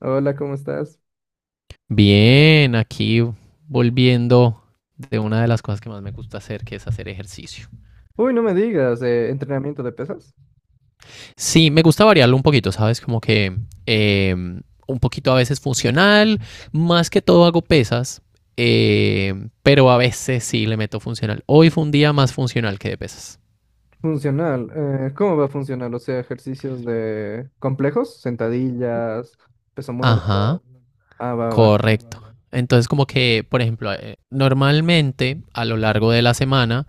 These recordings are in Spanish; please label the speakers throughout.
Speaker 1: Hola, ¿cómo estás?
Speaker 2: Bien, aquí volviendo de una de las cosas que más me gusta hacer, que es hacer ejercicio.
Speaker 1: Uy, no me digas, entrenamiento de pesas.
Speaker 2: Sí, me gusta variarlo un poquito, ¿sabes? Como que un poquito a veces funcional, más que todo hago pesas, eh, pero a veces sí le meto funcional. Hoy fue un día más funcional que de pesas.
Speaker 1: Funcional. ¿Cómo va a funcionar? O sea, ejercicios de complejos, sentadillas, peso
Speaker 2: Ajá,
Speaker 1: muerto. Ah, va, va.
Speaker 2: correcto. Entonces como que, por ejemplo, normalmente a lo largo de la semana,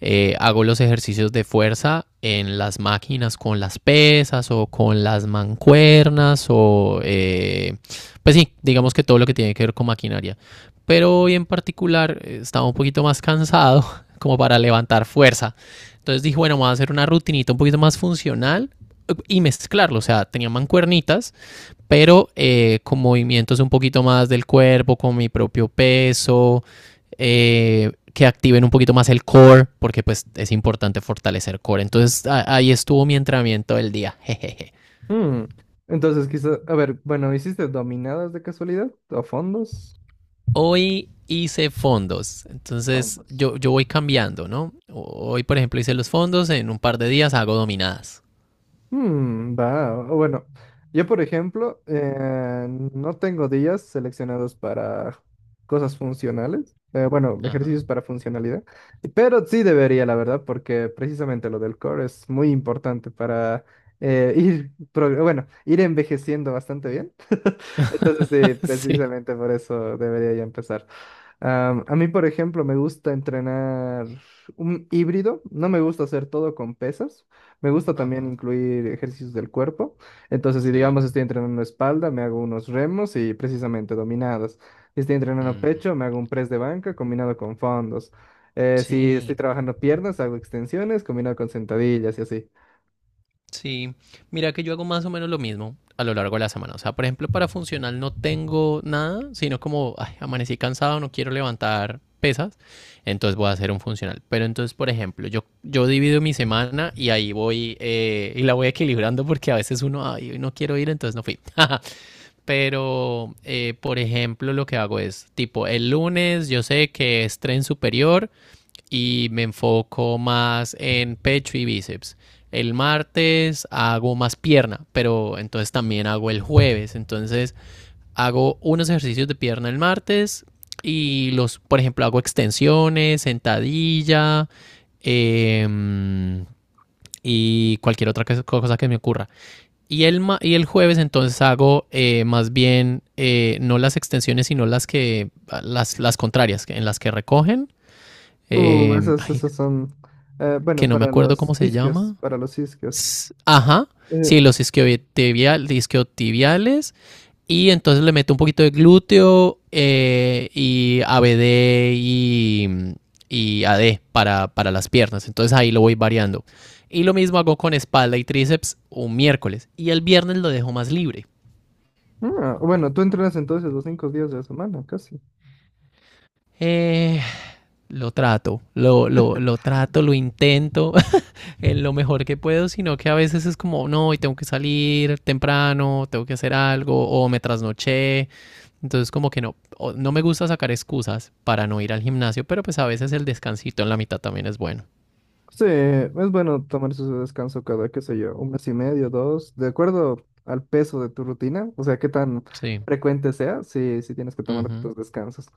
Speaker 2: Hago los ejercicios de fuerza en las máquinas con las pesas o con las mancuernas o pues sí, digamos que todo lo que tiene que ver con maquinaria. Pero hoy en particular estaba un poquito más cansado como para levantar fuerza. Entonces dije, bueno, vamos a hacer una rutinita un poquito más funcional y mezclarlo. O sea, tenía mancuernitas pero con movimientos un poquito más del cuerpo, con mi propio peso, que activen un poquito más el core, porque pues es importante fortalecer core. Entonces ahí estuvo mi entrenamiento del día. Jejeje.
Speaker 1: Mm. Entonces, quizás, a ver, bueno, ¿hiciste dominadas de casualidad? ¿O fondos?
Speaker 2: Hoy hice fondos, entonces
Speaker 1: Fondos.
Speaker 2: yo voy cambiando, ¿no? Hoy, por ejemplo, hice los fondos, en un par de días hago dominadas.
Speaker 1: Mm, va, bueno, yo por ejemplo, no tengo días seleccionados para cosas funcionales, bueno,
Speaker 2: Ajá.
Speaker 1: ejercicios para funcionalidad, pero sí debería, la verdad, porque precisamente lo del core es muy importante para ir envejeciendo bastante bien. Entonces sí,
Speaker 2: Sí.
Speaker 1: precisamente por eso debería ya empezar. A mí, por ejemplo, me gusta entrenar un híbrido. No me gusta hacer todo con pesas. Me gusta también
Speaker 2: Ajá.
Speaker 1: incluir ejercicios del cuerpo. Entonces, si
Speaker 2: Sí.
Speaker 1: digamos estoy entrenando espalda, me hago unos remos y precisamente dominadas. Si estoy entrenando
Speaker 2: Mm,
Speaker 1: pecho, me hago un press de banca combinado con fondos. Si estoy
Speaker 2: sí,
Speaker 1: trabajando piernas, hago extensiones combinado con sentadillas y así.
Speaker 2: sí, mira que yo hago más o menos lo mismo a lo largo de la semana. O sea, por ejemplo, para funcional no tengo nada, sino como ay, amanecí cansado, no quiero levantar pesas, entonces voy a hacer un funcional. Pero entonces, por ejemplo, yo divido mi semana y ahí voy y la voy equilibrando porque a veces uno, ay, hoy no quiero ir, entonces no fui. Pero, por ejemplo, lo que hago es, tipo, el lunes yo sé que es tren superior, y me enfoco más en pecho y bíceps. El martes hago más pierna, pero entonces también hago el jueves. Entonces hago unos ejercicios de pierna el martes y los, por ejemplo, hago extensiones, sentadilla, eh, y cualquier otra cosa que me ocurra. Y el jueves entonces hago más bien, no las extensiones, sino las que las contrarias, en las que recogen.
Speaker 1: Uh, esos,
Speaker 2: Ay,
Speaker 1: esos son, bueno,
Speaker 2: que no me
Speaker 1: para
Speaker 2: acuerdo
Speaker 1: los
Speaker 2: cómo se
Speaker 1: isquios,
Speaker 2: llama.
Speaker 1: para los isquios.
Speaker 2: Ajá.
Speaker 1: Eh,
Speaker 2: Sí, los isquiotibiales. Y entonces le meto un poquito de glúteo, y ABD y AD para las piernas. Entonces ahí lo voy variando. Y lo mismo hago con espalda y tríceps un miércoles. Y el viernes lo dejo más libre.
Speaker 1: bueno, tú entrenas entonces los 5 días de la semana, casi.
Speaker 2: Eh, lo trato, lo intento en lo mejor que puedo, sino que a veces es como, no, hoy tengo que salir temprano, tengo que hacer algo, o me trasnoché. Entonces, como que no, no me gusta sacar excusas para no ir al gimnasio, pero pues a veces el descansito en la mitad también es bueno.
Speaker 1: Sí, es bueno tomar su descanso cada, qué sé yo, un mes y medio, dos, de acuerdo al peso de tu rutina, o sea, qué tan
Speaker 2: Sí.
Speaker 1: frecuente sea, sí, sí tienes que tomar
Speaker 2: Ujú.
Speaker 1: tus descansos.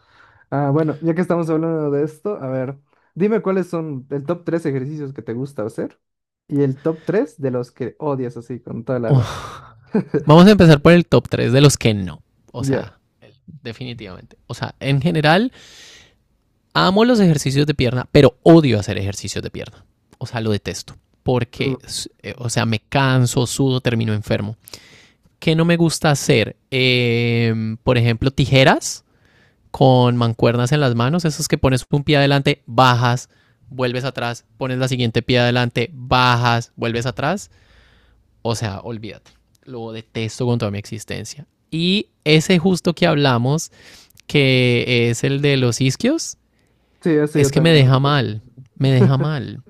Speaker 1: Ah, bueno, ya que estamos hablando de esto, a ver, dime cuáles son el top tres ejercicios que te gusta hacer y el top tres de los que odias así con toda la alma.
Speaker 2: Uf. Vamos a empezar por el top 3 de los que no. O
Speaker 1: Ya.
Speaker 2: sea, definitivamente. O sea, en general, amo los ejercicios de pierna, pero odio hacer ejercicios de pierna. O sea, lo detesto.
Speaker 1: Uh,
Speaker 2: Porque, o sea, me canso, sudo, termino enfermo. Que no me gusta hacer? Por ejemplo, tijeras con mancuernas en las manos, esos que pones un pie adelante, bajas, vuelves atrás, pones la siguiente pie adelante, bajas, vuelves atrás. O sea, olvídate. Lo detesto con toda mi existencia. Y ese justo que hablamos, que es el de los isquios,
Speaker 1: Sí, eso yo
Speaker 2: es que me
Speaker 1: también lo
Speaker 2: deja
Speaker 1: detesto.
Speaker 2: mal, me deja mal.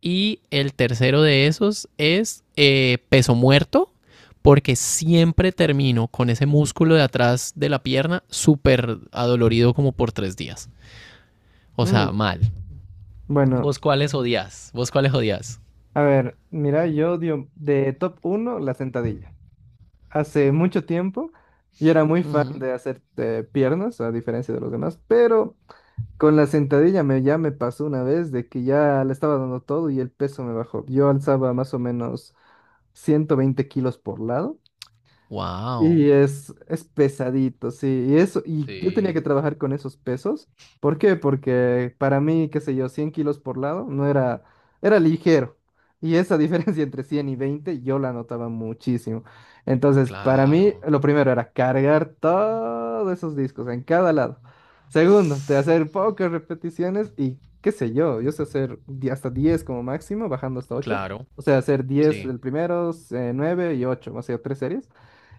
Speaker 2: Y el tercero de esos es peso muerto, porque siempre termino con ese músculo de atrás de la pierna súper adolorido como por 3 días. O sea,
Speaker 1: Mm,
Speaker 2: mal.
Speaker 1: Bueno,
Speaker 2: ¿Vos cuáles odias? ¿Vos cuáles odias?
Speaker 1: a ver, mira, yo odio de top uno la sentadilla. Hace mucho tiempo y era muy fan
Speaker 2: Ujú.
Speaker 1: de hacer piernas, a diferencia de los demás, pero con la sentadilla ya me pasó una vez de que ya le estaba dando todo y el peso me bajó. Yo alzaba más o menos 120 kilos por lado.
Speaker 2: Wow.
Speaker 1: Y es pesadito, sí. Y eso, y yo tenía
Speaker 2: Sí,
Speaker 1: que trabajar con esos pesos. ¿Por qué? Porque para mí, qué sé yo, 100 kilos por lado no era, era ligero. Y esa diferencia entre 100 y 20 yo la notaba muchísimo. Entonces, para mí,
Speaker 2: claro,
Speaker 1: lo primero era cargar todos esos discos en cada lado. Segundo, de hacer pocas repeticiones y qué sé yo, yo sé hacer hasta 10 como máximo, bajando hasta ocho.
Speaker 2: claro,
Speaker 1: O sea, hacer 10
Speaker 2: sí.
Speaker 1: el primero, 9 y ocho, o sea, tres series.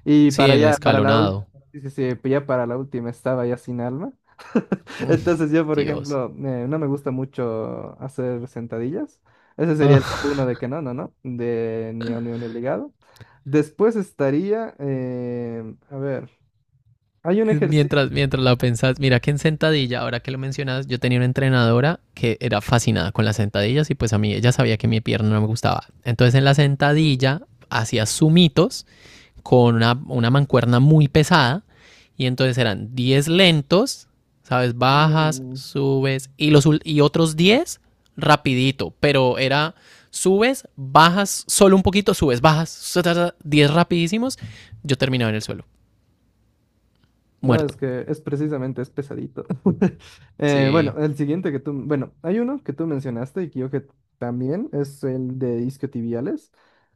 Speaker 1: Y
Speaker 2: Sí,
Speaker 1: para
Speaker 2: en el
Speaker 1: ya, para la última,
Speaker 2: escalonado.
Speaker 1: ya para la última estaba ya sin alma.
Speaker 2: Mm,
Speaker 1: Entonces yo, por
Speaker 2: Dios.
Speaker 1: ejemplo, no me gusta mucho hacer sentadillas. Ese sería el top uno de que no, no, no, de ni obligado. Después estaría, a ver, hay un ejercicio.
Speaker 2: Mientras la pensás, mira que en sentadilla, ahora que lo mencionas, yo tenía una entrenadora que era fascinada con las sentadillas y pues a mí ella sabía que mi pierna no me gustaba. Entonces en la sentadilla hacía sumitos con una mancuerna muy pesada y entonces eran 10 lentos, ¿sabes? Bajas,
Speaker 1: mm,
Speaker 2: subes y, los, y otros 10 rapidito, pero era subes, bajas solo un poquito, subes, bajas, 10 rapidísimos, yo terminaba en el suelo,
Speaker 1: No,
Speaker 2: muerto.
Speaker 1: es que es precisamente, es pesadito. Bueno,
Speaker 2: Sí,
Speaker 1: el siguiente que tú, bueno, hay uno que tú mencionaste y que yo que también es el de isquiotibiales,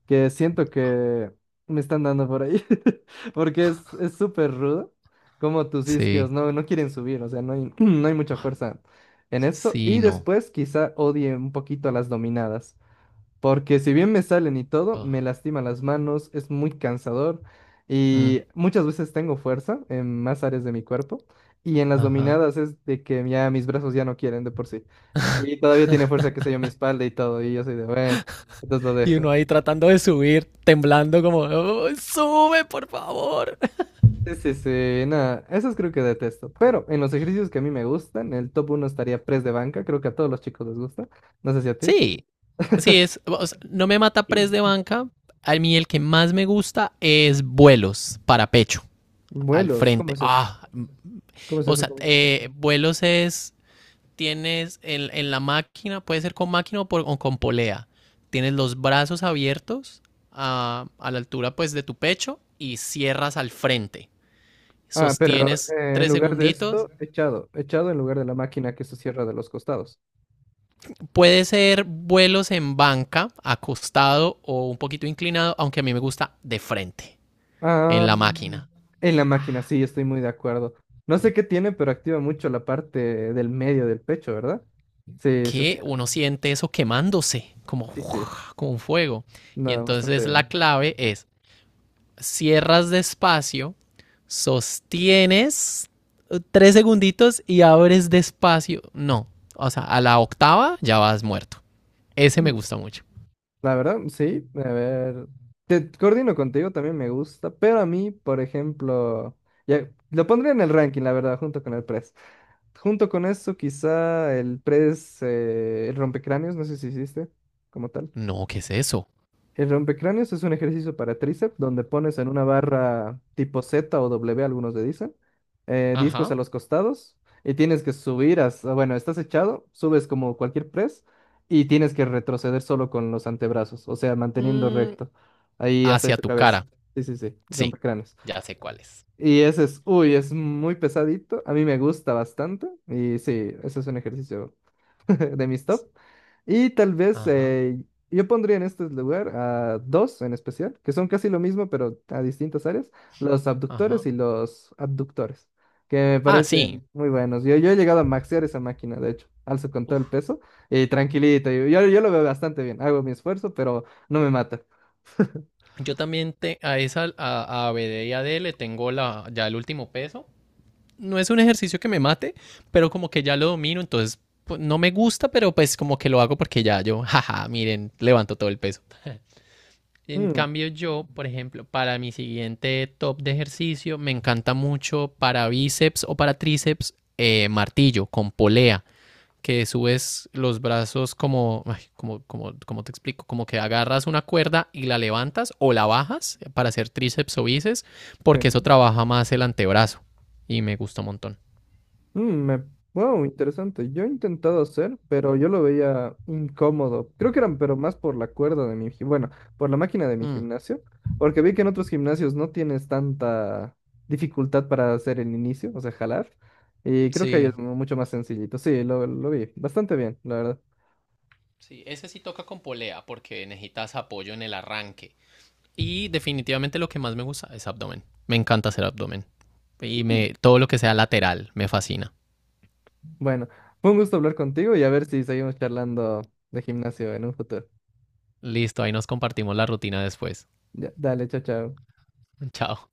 Speaker 1: que siento que me están dando por ahí, porque es súper rudo, como tus isquios
Speaker 2: sí,
Speaker 1: no, no quieren subir, o sea, no hay, no hay mucha fuerza en eso. Y
Speaker 2: sí, no.
Speaker 1: después quizá odie un poquito a las dominadas. Porque si bien me salen y todo,
Speaker 2: Ugh.
Speaker 1: me lastima las manos, es muy cansador
Speaker 2: Mm,
Speaker 1: y muchas veces tengo fuerza en más áreas de mi cuerpo y en las
Speaker 2: ajá.
Speaker 1: dominadas es de que ya mis brazos ya no quieren de por sí. Y todavía tiene fuerza, qué sé yo, mi espalda y todo, y yo soy de, bueno, entonces lo
Speaker 2: Y uno
Speaker 1: dejo.
Speaker 2: ahí tratando de subir, temblando como, "Oh, sube, por favor."
Speaker 1: Sí, sí, sí, nada, esos creo que detesto. Pero en los ejercicios que a mí me gustan, el top uno estaría press de banca, creo que a todos los chicos les gusta. No sé si a ti.
Speaker 2: Sí, sí, es, o sea, no me mata press de banca. A mí el que más me gusta es vuelos para pecho, al
Speaker 1: Vuelos, ¿cómo
Speaker 2: frente.
Speaker 1: es eso?
Speaker 2: Ah, mm,
Speaker 1: ¿Cómo es
Speaker 2: o
Speaker 1: eso?
Speaker 2: sea,
Speaker 1: ¿Cómo es eso?
Speaker 2: vuelos es, tienes en, la máquina, puede ser con máquina o, o con polea. Tienes los brazos abiertos a la altura pues de tu pecho y cierras al frente.
Speaker 1: Ah, pero
Speaker 2: Sostienes
Speaker 1: en
Speaker 2: tres
Speaker 1: lugar de
Speaker 2: segunditos.
Speaker 1: esto, echado, echado en lugar de la máquina que se cierra de los costados.
Speaker 2: Puede ser vuelos en banca, acostado o un poquito inclinado, aunque a mí me gusta de frente, en
Speaker 1: Ah,
Speaker 2: la máquina.
Speaker 1: en la máquina, sí, estoy muy de acuerdo. No sé qué tiene, pero activa mucho la parte del medio del pecho, ¿verdad? Sí, sí, sí,
Speaker 2: Que uno siente eso quemándose, como,
Speaker 1: sí, sí.
Speaker 2: uff, como un fuego. Y
Speaker 1: No, bastante
Speaker 2: entonces la
Speaker 1: bien.
Speaker 2: clave es, cierras despacio, sostienes 3 segunditos y abres despacio. No, o sea, a la octava ya vas muerto. Ese me
Speaker 1: Mm,
Speaker 2: gusta mucho.
Speaker 1: La verdad, sí, a ver, te coordino contigo, también me gusta, pero a mí, por ejemplo, ya, lo pondría en el ranking, la verdad, junto con el press. Junto con eso quizá el press, el rompecráneos, no sé si hiciste como tal.
Speaker 2: No, ¿qué es eso?
Speaker 1: El rompecráneos es un ejercicio para tríceps donde pones en una barra tipo Z o W, algunos le dicen, discos
Speaker 2: Ajá.
Speaker 1: a los costados y tienes que subir hasta, bueno, estás echado, subes como cualquier press y tienes que retroceder solo con los antebrazos, o sea, manteniendo
Speaker 2: Mm,
Speaker 1: recto ahí hasta
Speaker 2: hacia
Speaker 1: tu
Speaker 2: tu
Speaker 1: cabeza.
Speaker 2: cara.
Speaker 1: Sí, sí, sí,
Speaker 2: Sí,
Speaker 1: rompecráneos.
Speaker 2: ya sé cuál es.
Speaker 1: Y ese es, uy, es muy pesadito, a mí me gusta bastante y sí, ese es un ejercicio de mis top. Y tal vez
Speaker 2: Ajá,
Speaker 1: yo pondría en este lugar a dos en especial, que son casi lo mismo, pero a distintas áreas, los abductores
Speaker 2: ajá.
Speaker 1: y los abductores, que me
Speaker 2: Ah, sí.
Speaker 1: parecen muy buenos. Yo he llegado a maxear esa máquina, de hecho, alzo con todo el peso y tranquilito, yo lo veo bastante bien, hago mi esfuerzo, pero no me mata.
Speaker 2: Yo también te, a esa, a BD y AD le tengo la, ya el último peso. No es un ejercicio que me mate, pero como que ya lo domino, entonces pues, no me gusta, pero pues como que lo hago porque ya yo, jaja, miren, levanto todo el peso. En
Speaker 1: Mm,
Speaker 2: cambio, yo, por ejemplo, para mi siguiente top de ejercicio, me encanta mucho para bíceps o para tríceps, martillo con polea, que subes los brazos como, ay, como, te explico, como que agarras una cuerda y la levantas o la bajas para hacer tríceps o bíceps,
Speaker 1: sí.
Speaker 2: porque eso trabaja más el antebrazo y me gusta un montón.
Speaker 1: Mm, me- Wow, interesante. Yo he intentado hacer, pero yo lo veía incómodo. Creo que eran, pero más por la cuerda de mi, bueno, por la máquina de mi
Speaker 2: Mm,
Speaker 1: gimnasio, porque vi que en otros gimnasios no tienes tanta dificultad para hacer el inicio, o sea, jalar. Y creo que ahí
Speaker 2: sí,
Speaker 1: es mucho más sencillito. Sí, lo vi bastante bien, la verdad.
Speaker 2: sí, ese sí toca con polea porque necesitas apoyo en el arranque. Y definitivamente lo que más me gusta es abdomen. Me encanta hacer abdomen. Y
Speaker 1: Mm.
Speaker 2: me, todo lo que sea lateral me fascina.
Speaker 1: Bueno, fue un gusto hablar contigo y a ver si seguimos charlando de gimnasio en un futuro.
Speaker 2: Listo, ahí nos compartimos la rutina después.
Speaker 1: Ya, dale, chao, chao.
Speaker 2: Chao.